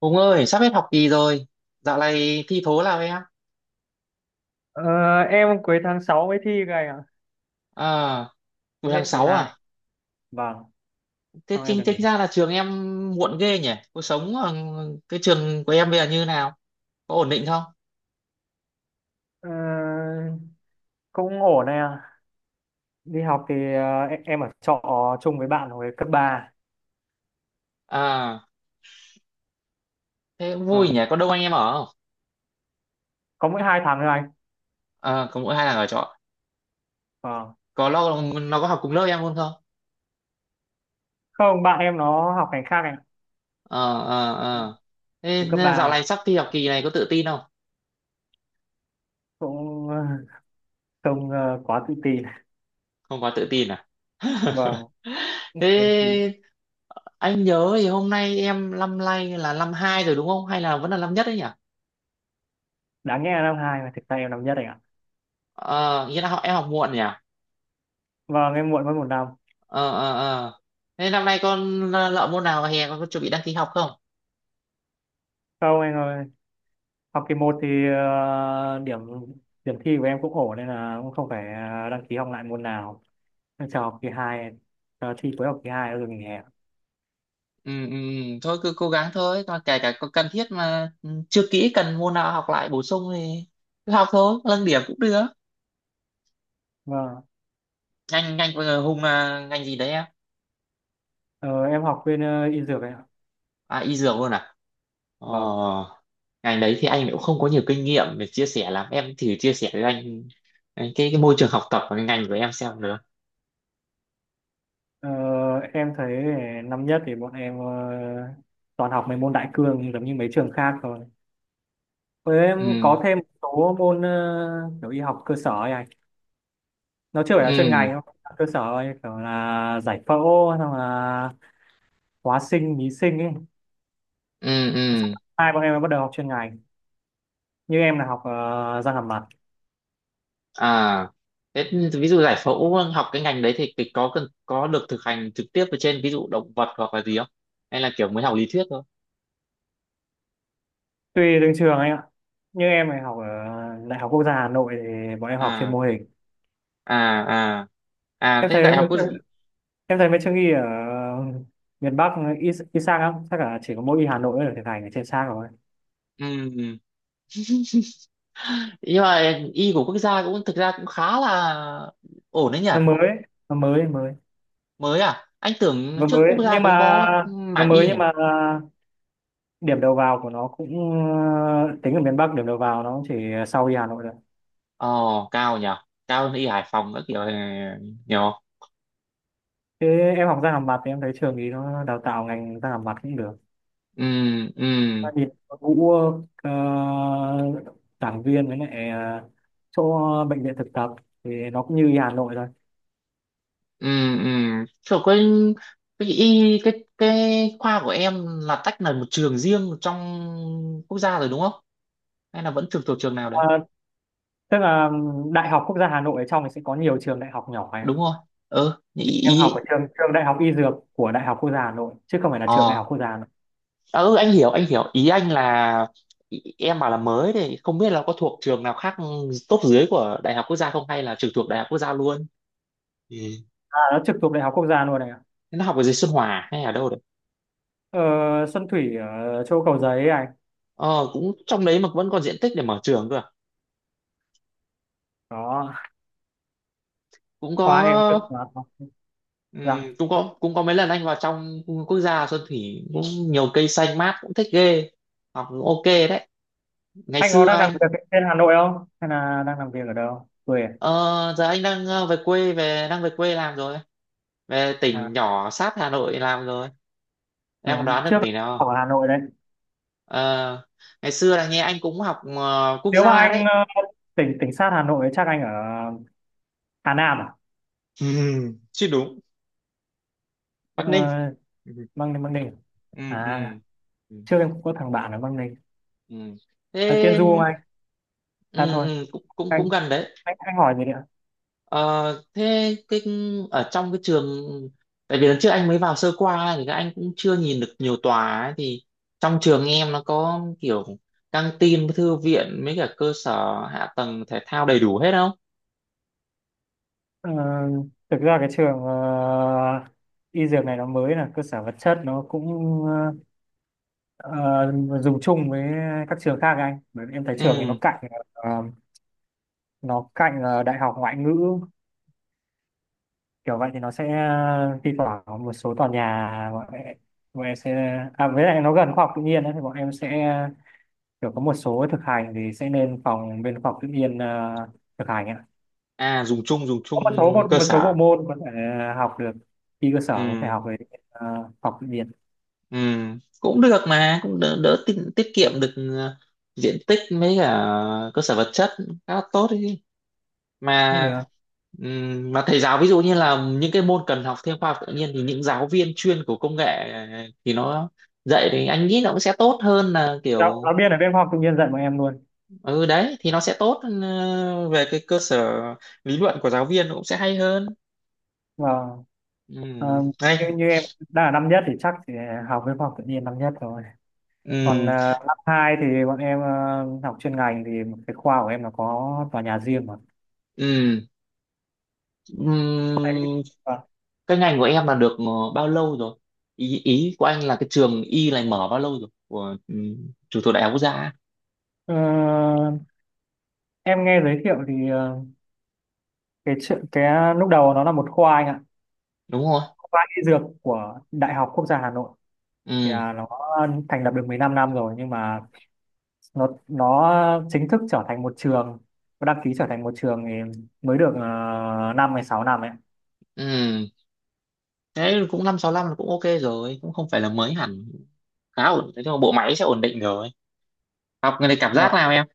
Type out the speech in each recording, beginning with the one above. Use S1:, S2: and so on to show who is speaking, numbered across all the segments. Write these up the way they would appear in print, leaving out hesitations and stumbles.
S1: Hùng ơi, sắp hết học kỳ rồi. Dạo này thi thố nào em?
S2: Ờ, em cuối tháng 6 mới thi cái à?
S1: À, buổi
S2: Thi
S1: tháng
S2: hết kỳ
S1: 6
S2: hai.
S1: à?
S2: Vâng,
S1: Thế
S2: xong em
S1: chính
S2: được nghỉ
S1: tính
S2: hè.
S1: ra là trường em muộn ghê nhỉ? Cuộc sống ở cái trường của em bây giờ như nào? Có ổn định không?
S2: Ờ, cũng ổn này à. Đi học thì em ở trọ chung với bạn hồi cấp ba.
S1: À, thế cũng vui nhỉ?
S2: Vâng,
S1: Có đông anh em ở không?
S2: có mỗi 2 tháng thôi anh.
S1: À, có mỗi hai thằng ở trọ.
S2: Vâng.
S1: Có lo nó có học cùng lớp em luôn không?
S2: Không, bạn em nó học ngành khác anh
S1: Ờ, ờ,
S2: ạ.
S1: ờ. Thế
S2: Hồi cấp 3
S1: dạo này
S2: thì
S1: sắp thi học kỳ này có tự tin không?
S2: cũng ờ, không quá tự tin.
S1: Không quá tự tin à?
S2: Vâng.
S1: Thế anh nhớ thì hôm nay em năm nay là năm hai rồi đúng không, hay là vẫn là năm nhất đấy nhỉ?
S2: Đáng nhẽ là năm hai mà thực ra em năm nhất anh ạ.
S1: Ờ Nghĩa là họ em học muộn nhỉ.
S2: Vâng, em muộn mất một năm.
S1: Ờ, ờ, ờ. Thế năm nay con lợ môn nào hè, con có chuẩn bị đăng ký học không?
S2: Không anh ơi. Học kỳ một thì điểm điểm thi của em cũng ổn nên là cũng không phải đăng ký học lại môn nào. Em chờ học kỳ hai, chờ thi cuối học kỳ 2 rồi nghỉ hè.
S1: Ừ, ừ, ừ. Thôi cứ cố gắng thôi, còn kể cả có cần thiết mà chưa kỹ cần môn nào học lại bổ sung thì cứ học thôi, nâng điểm cũng được.
S2: Vâng,
S1: Ngành ngành vừa Hùng là ngành gì đấy em?
S2: ờ, em học bên y dược ấy ạ.
S1: À, y dược luôn à?
S2: Vâng,
S1: Ờ, ngành đấy thì anh cũng không có nhiều kinh nghiệm để chia sẻ lắm, em thử chia sẻ với anh cái môi trường học tập của cái ngành của em xem được.
S2: ờ, em thấy năm nhất thì bọn em toàn học mấy môn đại cương giống như mấy trường khác thôi, với em có
S1: Ừ,
S2: thêm một số môn kiểu y học cơ sở ấy anh. Nó chưa phải là chuyên
S1: ừ,
S2: ngành đâu, cơ sở ấy, kiểu là giải phẫu, xong là hóa sinh, lý sinh ấy.
S1: ừ, ừ.
S2: Hai bọn em mới bắt đầu học chuyên ngành, như em là học răng hàm mặt.
S1: À thế ví dụ giải phẫu học cái ngành đấy thì cái có cần có được thực hành trực tiếp ở trên ví dụ động vật hoặc là gì không, hay là kiểu mới học lý thuyết thôi?
S2: Tùy từng trường anh ạ. Như em này học ở Đại học Quốc gia Hà Nội thì bọn em học trên
S1: À,
S2: mô hình.
S1: à, à, à.
S2: em
S1: Thế
S2: thấy
S1: đại học
S2: mấy
S1: quốc—
S2: trường- em thấy mấy trường y ở miền Bắc, y sang lắm chắc là chỉ có mỗi y Hà Nội mới được thực hành ở trên sang rồi.
S1: Ừ. Nhưng mà y của quốc gia cũng thực ra cũng khá là ổn đấy nhỉ?
S2: Nó mới nó mới mới.
S1: Mới à? Anh tưởng
S2: nó
S1: trước
S2: mới
S1: quốc gia
S2: nhưng mà
S1: cũng có
S2: nó
S1: mảng y
S2: mới
S1: nhỉ.
S2: nhưng mà điểm đầu vào của nó cũng ờ, tính ở miền Bắc điểm đầu vào nó cũng chỉ sau y Hà Nội rồi.
S1: ờ Cao nhỉ, cao hơn y Hải Phòng các kiểu này nhỉ.
S2: Thế em học răng hàm mặt thì em thấy trường ý nó đào tạo ngành răng hàm mặt cũng được.
S1: Ừ, ừ,
S2: Gia đình có Vũ ờ, giảng viên, với lại chỗ bệnh viện thực tập thì nó cũng như Hà Nội thôi.
S1: ừ, ừ. Trời, cái y cái khoa của em là tách là một trường riêng trong quốc gia rồi đúng không, hay là vẫn trường thuộc trường nào đấy?
S2: Ờ, tức là Đại học Quốc gia Hà Nội ở trong thì sẽ có nhiều trường đại học nhỏ ấy ạ.
S1: Đúng không. Ừ, ý,
S2: Thì em học
S1: ý
S2: ở trường trường Đại học Y Dược của Đại học Quốc gia Hà Nội chứ không phải là trường Đại học
S1: Ờ.
S2: Quốc gia Hà Nội.
S1: À, ừ, anh hiểu ý anh là— Em bảo là mới thì không biết là có thuộc trường nào khác top dưới của đại học quốc gia không, hay là trực thuộc đại học quốc gia luôn. Ừ.
S2: À, nó trực thuộc Đại học Quốc gia luôn này ạ.
S1: Nó học ở dưới Xuân Hòa à, hay ở đâu đấy?
S2: Ờ, Xuân Thủy ở chỗ Cầu Giấy này.
S1: Ờ Cũng trong đấy mà vẫn còn diện tích để mở trường cơ à?
S2: Đó,
S1: Cũng có.
S2: khoa em cực mà. Dạ.
S1: Cũng có mấy lần anh vào trong quốc gia Xuân Thủy cũng nhiều cây xanh mát, cũng thích ghê. Học cũng ok đấy. Ngày
S2: Anh có
S1: xưa
S2: đang làm
S1: anh—
S2: việc ở trên Hà Nội không? Hay là đang làm việc ở đâu? Quê à?
S1: ờ, Giờ anh đang về quê, về quê làm rồi, về tỉnh
S2: À,
S1: nhỏ sát Hà Nội làm rồi. Em còn
S2: rồi.
S1: đoán được
S2: Trước
S1: cái tỉnh nào
S2: ở
S1: không?
S2: Hà Nội đấy.
S1: Ờ, ngày xưa là nghe anh cũng học quốc
S2: Nếu mà
S1: gia
S2: anh
S1: đấy.
S2: tỉnh tỉnh sát Hà Nội chắc anh ở Hà Nam à?
S1: Chứ đúng.
S2: Ờ,
S1: Bắc Ninh. Ừ.
S2: Băng Ninh à?
S1: Ừ, ừ.
S2: Trước em cũng có thằng bạn ở Băng Ninh.
S1: Ừ.
S2: Ở Tiên
S1: Thế
S2: Du không anh? À
S1: ừ,
S2: thôi,
S1: ừ, cũng cũng cũng
S2: anh
S1: gần đấy.
S2: anh hỏi gì nữa.
S1: Ờ, thế cái ở trong cái trường, tại vì lần trước anh mới vào sơ qua thì các anh cũng chưa nhìn được nhiều tòa ấy, thì trong trường em nó có kiểu căng tin, thư viện mấy cả cơ sở hạ tầng thể thao đầy đủ hết không?
S2: Ờ, thực ra cái trường y dược này nó mới, là cơ sở vật chất nó cũng ờ, ờ, dùng chung với các trường khác anh, bởi vì em thấy trường thì nó
S1: Ừ.
S2: cạnh ờ, đại học ngoại ngữ, kiểu vậy thì nó sẽ thi thoảng có một số tòa nhà bọn em sẽ à với lại nó gần khoa học tự nhiên ấy, thì bọn em sẽ kiểu có một số thực hành thì sẽ lên phòng bên khoa học tự nhiên thực hành ạ.
S1: À, dùng chung, dùng
S2: Có
S1: chung
S2: một số
S1: cơ
S2: một số bộ
S1: sở.
S2: môn có thể học được, khi cơ sở có thể
S1: Ừ,
S2: học về học tự nhiên
S1: ừ, cũng được mà cũng đỡ, tiết kiệm được diện tích mấy cả cơ sở vật chất, khá là tốt đấy
S2: cũng được.
S1: mà. Mà thầy giáo ví dụ như là những cái môn cần học thêm khoa học tự nhiên thì những giáo viên chuyên của công nghệ thì nó dạy thì anh nghĩ nó cũng sẽ tốt hơn là
S2: giáo,
S1: kiểu—
S2: giáo viên ở bên khoa học tự nhiên dạy bọn em luôn
S1: ừ Đấy thì nó sẽ tốt. Ừ, Về cái cơ sở lý luận của giáo viên nó cũng sẽ hay hơn.
S2: và ờ,
S1: Đây.
S2: như em đang là năm nhất thì chắc thì học bên khoa học tự nhiên năm nhất rồi. Còn
S1: Ừm,
S2: năm hai thì bọn em học chuyên ngành thì cái khoa của em là có tòa nhà riêng mà.
S1: ừm,
S2: Đấy.
S1: ừm,
S2: Vâng.
S1: cái ngành của em là được bao lâu rồi? Ý ý của anh là cái trường y này mở bao lâu rồi, của trường thuộc đại học quốc gia á,
S2: Ờ, em nghe giới thiệu thì lúc đầu nó là một khoa anh ạ,
S1: đúng không?
S2: khoa y dược của Đại học Quốc gia Hà Nội. Thì
S1: Ừ,
S2: à, nó thành lập được 15 năm rồi, nhưng mà nó chính thức trở thành một trường, nó đăng ký trở thành một trường thì mới được 5 hay 6 năm ấy.
S1: ừ. Đấy cũng 565 là cũng ok rồi, cũng không phải là mới hẳn. Khá ổn, thế nhưng mà bộ máy sẽ ổn định rồi. Học cái này cảm giác
S2: Vâng,
S1: nào em?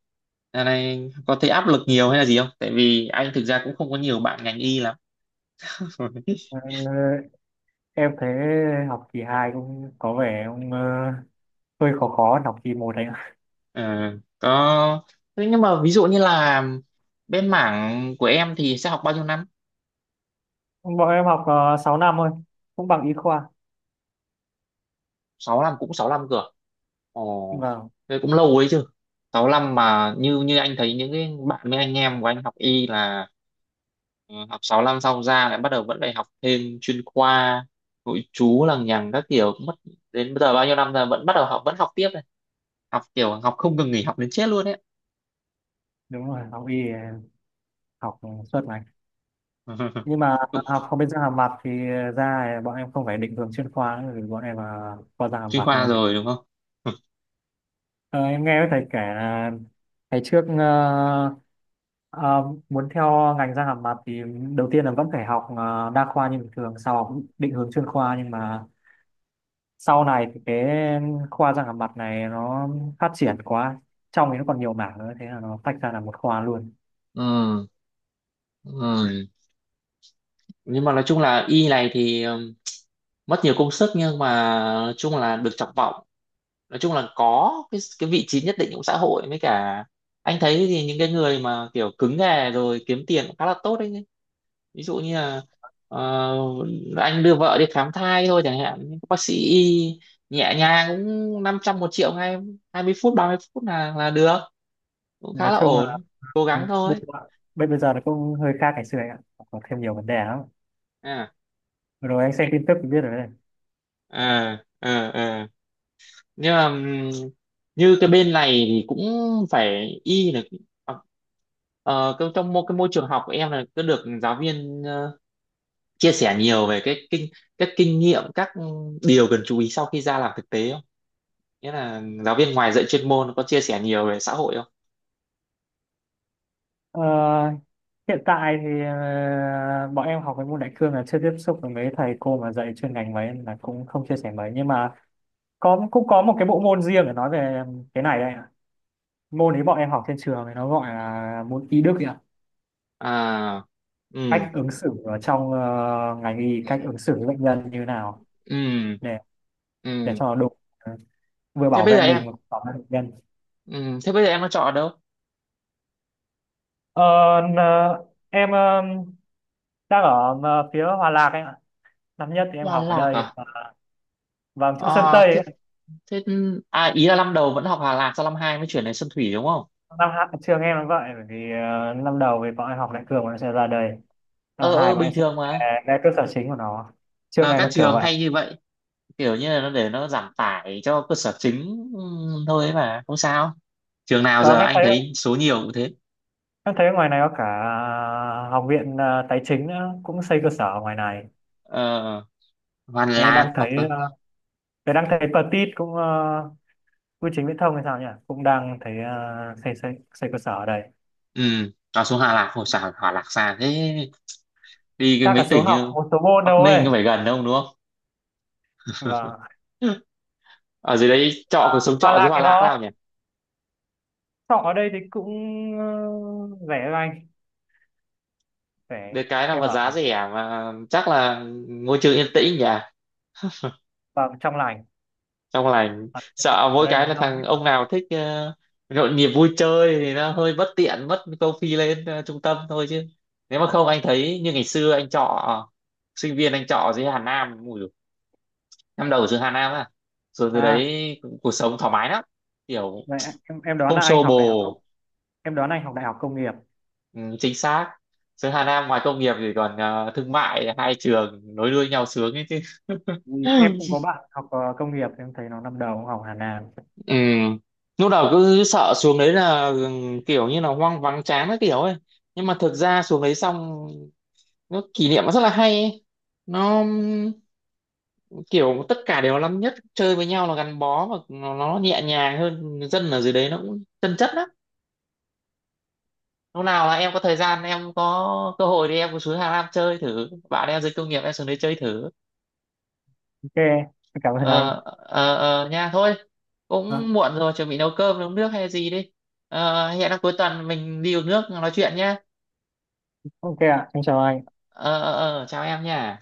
S1: Giờ này có thấy áp lực nhiều hay là gì không? Tại vì anh thực ra cũng không có nhiều bạn ngành y lắm.
S2: ờ, em thấy học kỳ 2 cũng có vẻ hơi khó khó học kỳ một đấy ạ.
S1: Ờ, có. Thế nhưng mà ví dụ như là bên mảng của em thì sẽ học bao nhiêu năm?
S2: Bọn em học 6 năm thôi cũng bằng y khoa.
S1: 6 năm, cũng 6 năm cơ à? Ồ,
S2: Vâng,
S1: thế cũng lâu ấy chứ. 6 năm mà như như anh thấy những cái bạn với anh em của anh học y là— Ừ, học 6 năm xong ra lại bắt đầu vẫn phải học thêm chuyên khoa nội trú lằng nhằng các kiểu, cũng mất đến bây giờ bao nhiêu năm rồi vẫn bắt đầu học vẫn học tiếp này, học kiểu học không ngừng nghỉ, học đến chết luôn đấy.
S2: đúng rồi, học y học suốt ngày. Nhưng mà
S1: Ừ,
S2: học không biết răng hàm mặt thì ra bọn em không phải định hướng chuyên khoa nữa, vì bọn em là khoa răng hàm
S1: chuyên
S2: mặt
S1: khoa
S2: luôn.
S1: rồi đúng không.
S2: Ờ, em nghe thầy kể là ngày trước ờ, muốn theo ngành răng hàm mặt thì đầu tiên là vẫn phải học đa khoa như bình thường, sau học định hướng chuyên khoa, nhưng mà sau này thì cái khoa răng hàm mặt này nó phát triển quá, trong thì nó còn nhiều mảng nữa, thế là nó tách ra là một khoa luôn.
S1: Ừ, ừ. Nhưng mà nói chung là y này thì mất nhiều công sức, nhưng mà nói chung là được trọng vọng, nói chung là có cái vị trí nhất định trong xã hội, với cả anh thấy thì những cái người mà kiểu cứng nghề rồi kiếm tiền cũng khá là tốt đấy. Ví dụ như là ờ, anh đưa vợ đi khám thai thôi chẳng hạn, những bác sĩ y nhẹ nhàng cũng 500 1 triệu ngay, 20 phút 30 phút là được, cũng khá
S2: Nói
S1: là
S2: chung là
S1: ổn. Cố gắng
S2: bây
S1: thôi.
S2: giờ, bây giờ nó cũng hơi khác ngày xưa anh ạ, có thêm nhiều vấn đề lắm.
S1: À,
S2: Vừa rồi anh xem tin tức thì biết rồi đấy.
S1: à, à, à. Nhưng mà như cái bên này thì cũng phải y là ờ, trong cái môi trường học của em là cứ được giáo viên chia sẻ nhiều về cái kinh— các kinh nghiệm, các điều cần chú ý sau khi ra làm thực tế, nghĩa là giáo viên ngoài dạy chuyên môn có chia sẻ nhiều về xã hội không?
S2: Ờ, hiện tại thì bọn em học cái môn đại cương là chưa tiếp xúc với mấy thầy cô mà dạy chuyên ngành mấy nên là cũng không chia sẻ mấy, nhưng mà có, cũng có một cái bộ môn riêng để nói về cái này đây ạ. Môn ấy bọn em học trên trường thì nó gọi là môn y đức ấy ạ.
S1: À, ừ,
S2: Cách ứng xử ở trong ngành y, cách ứng xử với bệnh nhân như nào
S1: ừ,
S2: để
S1: ừ.
S2: cho nó đúng, ờ, vừa
S1: Thế
S2: bảo
S1: bây
S2: vệ
S1: giờ em—
S2: mình mà cũng bảo vệ bệnh nhân.
S1: ừ, Thế bây giờ em nó chọn ở đâu?
S2: Ờ, n- ờ, em ờ, đang ở phía Hòa Lạc anh ạ. Năm nhất thì em
S1: Đà
S2: học ở
S1: Lạc
S2: đây.
S1: à?
S2: Vâng, chỗ Sơn
S1: À,
S2: Tây
S1: thế,
S2: ấy ạ.
S1: thế à ý là năm đầu vẫn học Hà Lạc, sau năm hai mới chuyển đến Xuân Thủy đúng không?
S2: Năm hai trường em nó vậy, bởi vì năm đầu thì bọn em học đại cương, bọn em sẽ ra đây. Năm
S1: Ờ,
S2: hai
S1: ờ,
S2: bọn
S1: bình
S2: em sẽ
S1: thường mà,
S2: ra cơ sở chính của nó, trường
S1: giờ
S2: này
S1: các
S2: nó kiểu
S1: trường
S2: vậy.
S1: hay như vậy, kiểu như là nó để nó giảm tải cho cơ sở chính. Ừ, thôi ấy mà không sao, trường nào giờ
S2: Em
S1: anh
S2: thấy,
S1: thấy số nhiều cũng thế.
S2: em thấy ngoài này có cả học viện tài chính nữa cũng xây cơ sở ở ngoài này.
S1: ờ, Hoàn
S2: Thế
S1: Lạc
S2: đang
S1: hoặc—
S2: thấy Petit cũng bưu chính viễn thông hay sao nhỉ, cũng đang thấy xây xây xây cơ sở ở đây.
S1: Ừ, nó xuống Hòa Lạc hồi sao Hòa Lạc xa thế, đi cái
S2: Chắc là
S1: mấy
S2: số
S1: tỉnh
S2: học
S1: như
S2: một số môn đâu
S1: Bắc
S2: ấy.
S1: Ninh có phải gần đâu đúng không.
S2: và
S1: Ở dưới đấy trọ, cuộc sống
S2: Hoặc
S1: trọ dưới
S2: là
S1: Hòa
S2: cái
S1: Lạc
S2: nó
S1: nào nhỉ?
S2: học ở đây thì cũng ờ, rẻ lành,
S1: Được
S2: rẻ
S1: cái là
S2: em
S1: vật
S2: ở,
S1: giá rẻ mà chắc là môi trường yên tĩnh nhỉ,
S2: vâng, trong lành.
S1: trong lành. Sợ
S2: Ở
S1: mỗi
S2: đây
S1: cái
S2: một
S1: là
S2: năm hết
S1: thằng
S2: rồi.
S1: ông nào thích nhộn nhịp vui chơi thì nó hơi bất tiện, mất câu phi lên trung tâm thôi, chứ nếu mà không anh thấy như ngày xưa anh trọ sinh viên, anh trọ dưới Hà Nam, năm đầu ở trường Hà Nam á, rồi từ đấy
S2: À
S1: cuộc sống thoải mái lắm, kiểu
S2: vậy em đoán
S1: không
S2: là anh
S1: xô
S2: học đại học công,
S1: bồ.
S2: em đoán anh học đại học công nghiệp.
S1: Ừ, chính xác. Trường Hà Nam ngoài công nghiệp thì còn thương mại, hai trường nối đuôi nhau sướng ấy chứ.
S2: Vì em cũng có bạn học công nghiệp, em thấy nó năm đầu cũng học Hà Nam.
S1: Ừ. Lúc đầu cứ sợ xuống đấy là kiểu như là hoang vắng chán cái kiểu ấy, nhưng mà thực ra xuống đấy xong nó kỷ niệm nó rất là hay ấy. Nó kiểu tất cả đều là năm nhất chơi với nhau là gắn bó, và nó nhẹ nhàng hơn, dân ở dưới đấy nó cũng chân chất lắm. Lúc nào là em có thời gian, em có cơ hội thì em cứ xuống Hà Nam chơi thử, bạn em dưới công nghiệp em xuống đấy chơi thử.
S2: Ok em, cảm ơn anh.
S1: Ờ, ờ, ờ, nha thôi,
S2: Vâng,
S1: cũng muộn rồi, chuẩn bị nấu cơm nấu nước hay gì đi. Hẹn là cuối tuần mình đi uống nước nói chuyện nhá.
S2: ok ạ, em chào anh.
S1: Ờ, ờ, ờ, chào em nha.